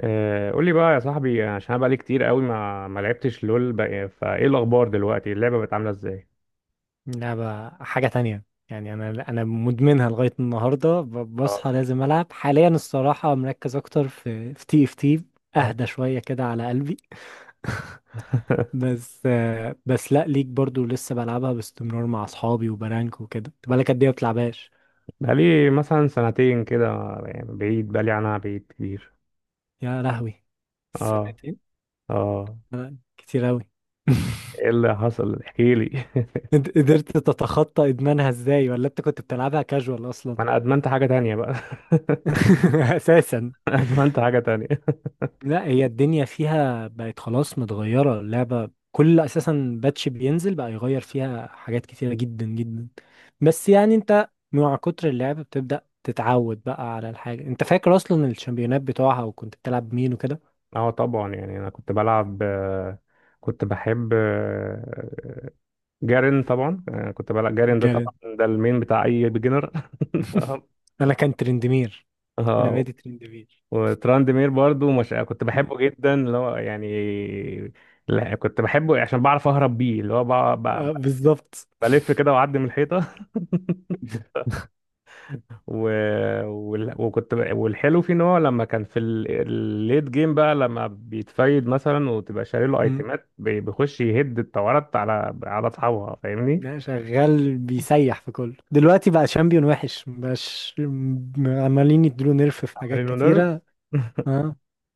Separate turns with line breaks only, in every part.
قول لي بقى يا صاحبي، عشان انا بقالي كتير قوي ما لعبتش لول بقى، فايه الاخبار دلوقتي؟ اللعبه بقت عامله ازاي؟
لعبة حاجة تانية. يعني أنا مدمنها لغاية النهاردة،
اه.
بصحى لازم ألعب حاليا. الصراحة مركز أكتر في TFT.
اه.
أهدى شوية كده على قلبي. بس لأ، ليك برضو لسه بلعبها باستمرار مع أصحابي وبرانك وكده. انت بقالك قد إيه ما بتلعبهاش؟
بقالي مثلا سنتين كده، يعني بعيد، بقالي عنها بعيد كتير.
يا لهوي،
اه.
سنتين؟
اه.
كتير أوي.
ايه اللي حصل؟ احكي لي.
انت قدرت تتخطى إدمانها إزاي، ولا أنت كنت بتلعبها كاجوال أصلا؟
ما انا ادمنت حاجه تانية بقى.
أساسا،
ادمنت حاجه تانية.
لا هي الدنيا فيها بقت خلاص متغيرة. اللعبة كل أساسا باتش بينزل بقى يغير فيها حاجات كتيرة جدا جدا. بس يعني أنت مع كتر اللعب بتبدأ تتعود بقى على الحاجة. أنت فاكر أصلا الشامبيونات بتوعها وكنت بتلعب مين وكده؟
اه طبعا، يعني انا كنت بلعب، كنت بحب، جارين طبعا، كنت بلعب جارين، ده طبعا
جارين.
ده المين بتاع اي بيجنر.
أنا كان ترندمير. أنا
اه.
بادي ترندمير.
وتراندمير برضو مش كنت بحبه
مم.
جدا، اللي هو يعني، لا كنت بحبه عشان بعرف اهرب بيه، اللي هو
اه، بالظبط.
بلف كده واعدي من الحيطه. و... وكنت والحلو فيه ان هو لما كان في الليت جيم بقى، لما بيتفايد مثلا وتبقى شاري له
مم.
ايتمات، بيخش يهد التورات على اصحابها، فاهمني.
لا، شغال بيسيح في كله دلوقتي. بقى شامبيون وحش. مبقاش، عمالين يديله نيرف في حاجات
عاملين له نيرف.
كتيرة. اه،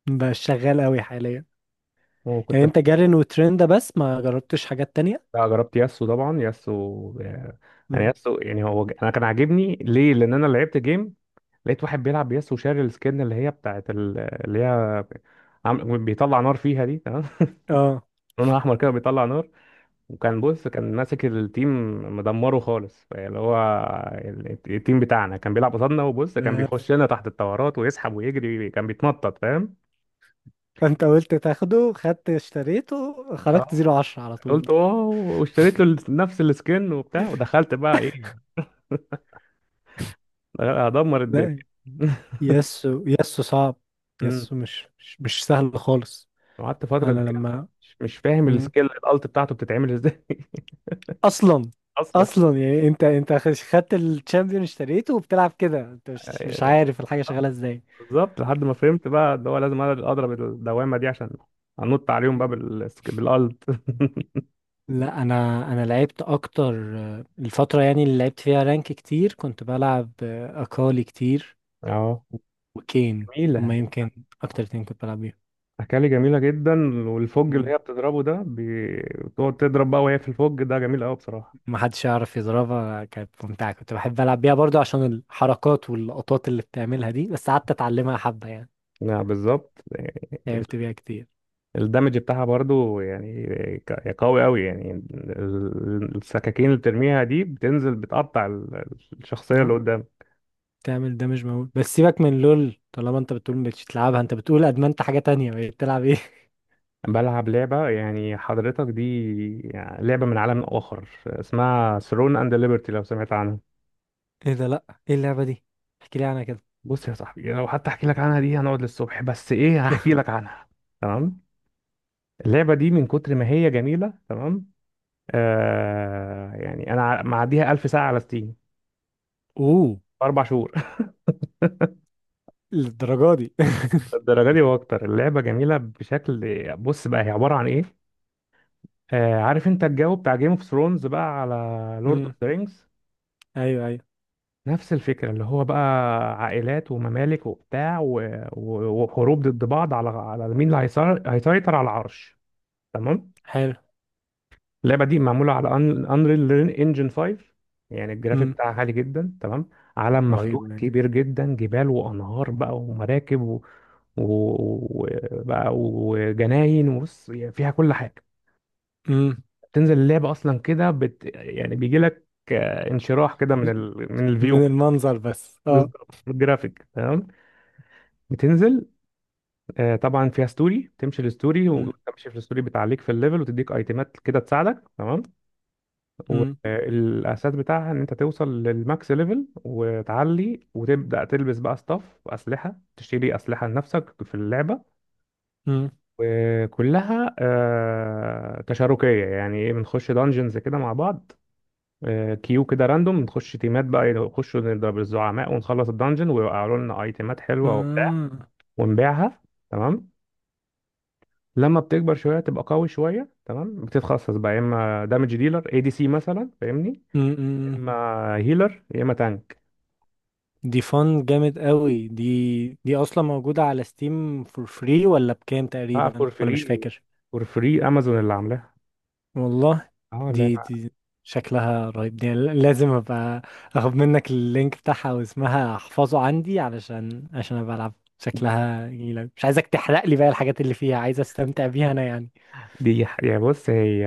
بقى شغال قوي حاليا.
وكنت
يعني انت جارين وترند بس ما جربتش حاجات تانية؟
بقى جربت ياسو، طبعا ياسو يعني،
مم.
ياسو يعني هو انا كان عاجبني ليه، لان انا لعبت جيم لقيت واحد بيلعب بيس وشاري السكن، اللي هي بتاعت اللي هي بيطلع نار فيها دي، تمام.
اه.
لونها احمر كده بيطلع نار. وكان بص كان ماسك التيم، مدمره خالص، اللي هو التيم بتاعنا كان بيلعب قصادنا، وبص كان
بس.
بيخش لنا تحت الطورات ويسحب ويجري، كان بيتنطط، فاهم.
فانت قلت تاخده، خدت اشتريته، خرجت
اه.
0-10 على طول.
قلت واو، واشتريت له نفس السكن وبتاع، ودخلت بقى ايه، هدمر الدنيا.
لا. يسو صعب.
امم.
يسو مش سهل خالص.
وقعدت فترة
انا
كبيرة،
لما.
مش فاهم
مم.
السكيل الالت بتاعته بتتعمل ازاي.
اصلا. اصلا يعني انت خدت الشامبيون اشتريته وبتلعب كده، انت مش
اصلا.
عارف الحاجة شغالة ازاي.
بالظبط، لحد ما فهمت بقى اللي هو لازم أنا اضرب الدوامه دي، عشان انط عليهم بقى بالالت.
لا، انا لعبت اكتر، الفتره يعني اللي لعبت فيها رانك كتير كنت بلعب اكالي كتير.
اه.
و- وكين.
جميله.
هما يمكن اكتر اتنين كنت بلعب بيهم.
أكالي جميلة جدا، والفوج اللي
مم.
هي بتضربه ده، بتقعد تضرب بقى وهي في الفوج ده، جميل أوي بصراحة.
ما حدش يعرف يضربها، كانت ممتعه. كنت بحب العب بيها برضو عشان الحركات واللقطات اللي بتعملها دي، بس قعدت اتعلمها حبه يعني.
نعم بالظبط.
لعبت بيها كتير.
الدمج بتاعها برضو يعني قوي أوي، يعني السكاكين اللي بترميها دي، بتنزل بتقطع الشخصية
نعم.
اللي.
تعمل دامج مول. بس سيبك من لول، طالما انت بتقول مش تلعبها، انت بتقول ادمنت حاجه تانية. بقيت بتلعب ايه؟
بلعب لعبة يعني حضرتك دي، يعني لعبة من عالم آخر اسمها ثرون اند ليبرتي، لو سمعت عنها.
ايه ده؟ لا، ايه اللعبه دي؟ احكي لي عنها كده.
بص يا صاحبي، لو حتى احكي لك عنها دي هنقعد للصبح، بس ايه، هحكي لك عنها. تمام. اللعبة دي من كتر ما هي جميلة، تمام. آه يعني انا معديها 1000 ساعة على ستيم
اوه،
في 4 شهور.
للدرجه دي؟
الدرجة دي واكتر. اللعبة جميلة بشكل، بص بقى هي عبارة عن ايه. آه، عارف انت الجو بتاع جيم اوف ثرونز بقى، على لورد اوف
امم.
ذا رينجز.
ايوه ايوه.
نفس الفكرة، اللي هو بقى عائلات وممالك وبتاع وحروب ضد بعض، على مين اللي هيسيطر على العرش، تمام.
حلو.
اللعبة دي معمولة على انريل انجن 5، يعني الجرافيك
امم.
بتاعها عالي جدا، تمام. عالم
رهيب
مفتوح
يعني.
كبير جدا، جبال وأنهار بقى ومراكب و- وبقى وجناين وبص، يعني فيها كل حاجة.
امم.
تنزل اللعبة أصلا كده يعني بيجي لك انشراح كده من من الفيو.
من المنظر بس اه.
بالظبط، الجرافيك، تمام. بتنزل، طبعا فيها ستوري، تمشي الستوري
امم.
وتمشي في الستوري، بتعليك في الليفل وتديك ايتمات كده تساعدك، تمام.
امم.
والاساس بتاعها ان انت توصل للماكس ليفل، وتعلي وتبدا تلبس بقى ستاف واسلحه، تشتري اسلحه لنفسك في اللعبه.
امم.
وكلها تشاركيه، يعني ايه، بنخش دانجنز كده مع بعض، كيو كده راندوم، نخش تيمات بقى، نخش نضرب الزعماء ونخلص الدانجن، ويوقعوا لنا ايتمات حلوه وبتاع،
آه.
ونبيعها، تمام. لما بتكبر شويه تبقى قوي شويه، تمام، بتتخصص بقى، يا اما دامج ديلر اي دي سي مثلا، فاهمني،
أمم،
يا
أمم.
اما هيلر، يا اما تانك.
دي فن جامد قوي دي. دي اصلا موجودة على ستيم فور فري ولا بكام
اه
تقريبا،
فور
ولا
فري.
مش فاكر؟
فور فري، امازون اللي عاملاها.
والله.
اه لا.
دي شكلها رهيب. دي لازم ابقى اخد منك اللينك بتاعها واسمها احفظه عندي عشان ابقى العب. شكلها جميلة، مش عايزك تحرق لي بقى الحاجات اللي فيها، عايز استمتع بيها انا يعني.
دي يعني بص، هي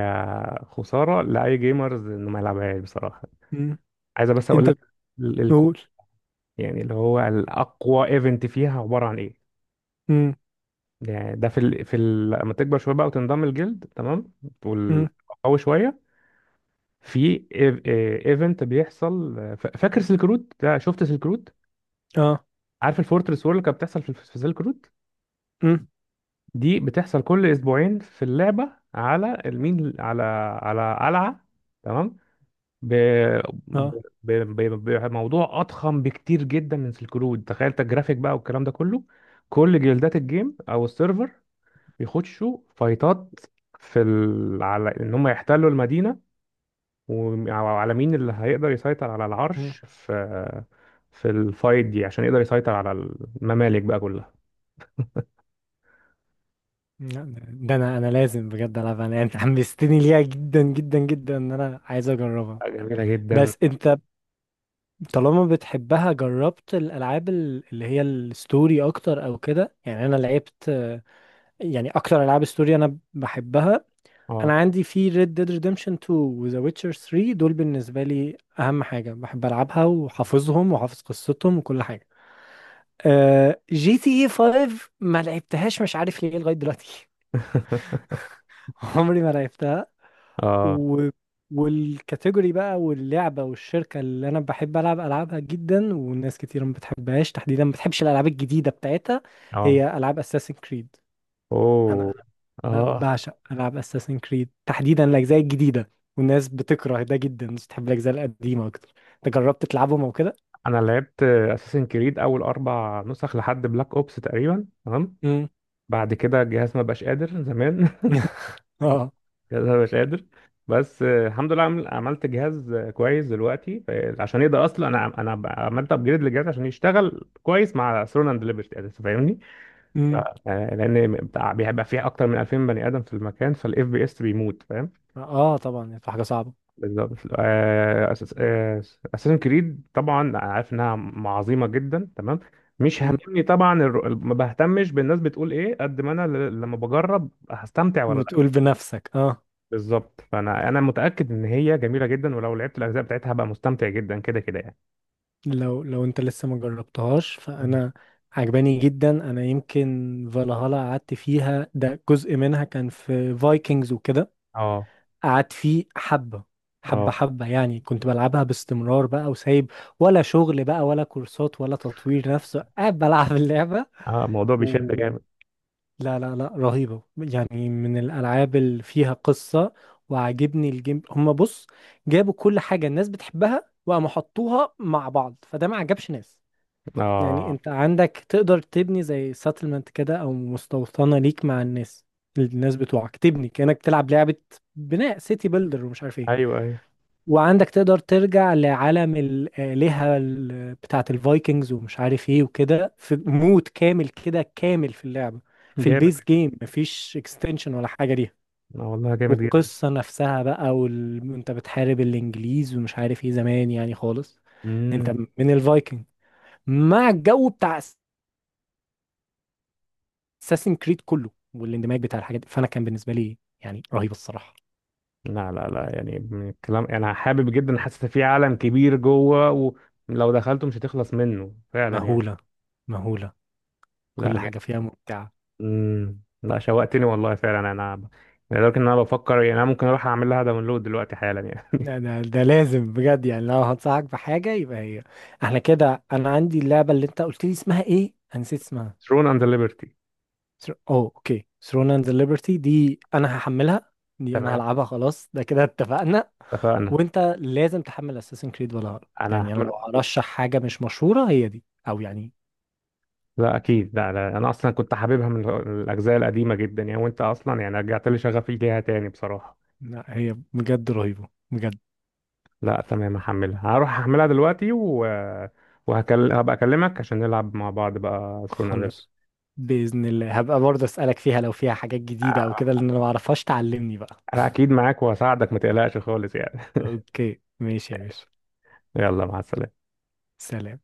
خسارة لأي جيمرز إنه ما يلعبهاش بصراحة. عايزة بس أقول
انت
لك الكو،
بتقول.
يعني اللي هو الأقوى إيفنت فيها عبارة عن إيه.
امم.
يعني ده في في لما تكبر شوية بقى وتنضم الجلد، تمام، وال-
امم.
قوي شوية، في ايفنت بيحصل، فاكر سلك رود ده؟ شفت سلك رود؟
اه.
عارف الفورترس وور اللي كانت بتحصل في سلك رود؟
امم.
دي بتحصل كل اسبوعين في اللعبه، على المين، على على قلعه، تمام. ب...
اه.
ب... ب... بموضوع اضخم بكتير جدا من سلك رود، تخيل انت الجرافيك بقى والكلام ده كله. كل جلدات الجيم او السيرفر بيخشوا فايتات في على ان هم يحتلوا المدينه، وعلى مين اللي هيقدر يسيطر على
امم.
العرش، في في الفايت دي، عشان يقدر يسيطر على الممالك بقى كلها.
لا، ده انا لازم بجد العبها. انا انت حمستني ليها جدا جدا جدا ان انا عايز اجربها.
جميلة جدا.
بس انت طالما بتحبها، جربت الالعاب اللي هي الستوري اكتر او كده؟ يعني انا لعبت، يعني اكتر العاب ستوري انا بحبها. انا
اه.
عندي في Red Dead Redemption 2 و The Witcher 3، دول بالنسبة لي اهم حاجة بحب العبها وحافظهم وحافظ قصتهم وكل حاجة. GTA 5 ما لعبتهاش مش عارف ليه لغاية دلوقتي. عمري ما لعبتها.
اه.
و... والكاتيجوري بقى واللعبة والشركة اللي أنا بحب ألعب ألعابها جدا، والناس كتير ما بتحبهاش، تحديدا ما بتحبش الألعاب الجديدة بتاعتها.
اه.
هي ألعاب أساسن كريد. أنا
اوه. اه.
بعشق ألعاب أساسن كريد تحديدا الأجزاء الجديدة. والناس بتكره ده جدا، الناس بتحب الأجزاء القديمة أكتر. أنت جربت تلعبهم أو كده؟
انا لعبت اساسن كريد اول 4 نسخ لحد بلاك اوبس تقريبا، تمام.
مم.
بعد كده الجهاز ما بقاش قادر زمان.
اه.
الجهاز ما بقاش قادر. بس الحمد لله، عملت جهاز كويس دلوقتي، عشان يقدر، اصلا انا انا عملت ابجريد للجهاز عشان يشتغل كويس مع ثرون اند ليبرتي، فاهمني.
مم.
آه، لان بيبقى فيه اكتر من 2000 بني ادم في المكان، فالاف بي اس بيموت، فاهم.
اه طبعا هتبقى حاجة صعبة.
بالظبط. اساسن كريد طبعا أنا عارف انها عظيمه جدا، تمام، مش هممني طبعا ما بهتمش بالناس بتقول ايه، قد ما انا لما بجرب، هستمتع ولا لا.
وتقول بنفسك اه.
بالظبط، فانا انا متاكد ان هي جميله جدا، ولو لعبت الاجزاء بتاعتها هبقى مستمتع جدا كده كده يعني.
لو انت لسه ما جربتهاش،
مم.
فانا عجباني جدا انا. يمكن فالهالا قعدت فيها، ده جزء منها كان في فايكنجز وكده.
اه.
قعدت فيه حبة، حبة
اه.
حبة يعني كنت بلعبها باستمرار بقى، وسايب ولا شغل بقى ولا كورسات ولا تطوير نفسه، قاعد بلعب اللعبة.
اه الموضوع بيشد جامد.
لا لا لا، رهيبة يعني من الألعاب اللي فيها قصة. وعاجبني الجيم. هما بص، جابوا كل حاجة الناس بتحبها وقاموا حطوها مع بعض فده ما عجبش ناس. يعني
اه.
انت عندك تقدر تبني زي ساتلمنت كده او مستوطنة ليك مع الناس، الناس بتوعك تبني، كأنك تلعب لعبة بناء سيتي بيلدر ومش عارف ايه.
ايوه ايوه
وعندك تقدر ترجع لعالم الآلهة بتاعت الفايكنجز ومش عارف ايه وكده، في مود كامل كده كامل في اللعبة. في
جامد.
البيس جيم مفيش اكستنشن ولا حاجة ليها.
اه والله جامد جدا.
والقصة نفسها بقى، انت بتحارب الانجليز ومش عارف ايه زمان يعني خالص.
مم.
انت من الفايكنج، مع الجو بتاع اساسن كريد كله، والاندماج بتاع الحاجات دي. فانا كان بالنسبة لي يعني رهيبة الصراحة.
لا لا لا، يعني من الكلام انا حابب جدا، حاسس إن في عالم كبير جوه، ولو دخلته مش هتخلص منه فعلا يعني.
مهولة. مهولة.
لا
كل
جا-
حاجة فيها ممتعة.
امم. لا شوقتني والله فعلا، انا لدرجه ان انا بفكر، يعني انا ممكن اروح اعمل لها داونلود دلوقتي حالا يعني.
لا، ده لازم بجد يعني، لو هنصحك بحاجة يبقى هي. احنا كده. انا عندي اللعبة، اللي انت قلت لي اسمها ايه؟ انا نسيت اسمها.
ثرون اند ليبرتي.
اوه اوكي، ثرون اند ليبرتي. دي انا هحملها. دي انا
تمام،
هلعبها خلاص، ده كده اتفقنا.
اتفقنا.
وانت لازم تحمل اساسن كريد، ولا هقرا
انا
يعني. انا
هعمل،
لو هرشح حاجة مش مشهورة، هي دي او يعني.
لا اكيد، لا, لا انا اصلا كنت حاببها من الاجزاء القديمه جدا يعني، وانت اصلا يعني رجعت لي شغفي ليها تاني بصراحه.
لا، هي بجد رهيبة بجد.
لا تمام، هحملها، هروح هحملها دلوقتي هبقى اكلمك عشان نلعب مع بعض بقى ثرون.
خلص. بإذن الله هبقى برضه اسألك فيها لو فيها حاجات جديدة او كده، لان انا معرفهاش. تعلمني بقى.
انا اكيد معاك وهساعدك ما تقلقش خالص يعني.
اوكي ماشي يا باشا.
يلا مع السلامة.
سلام.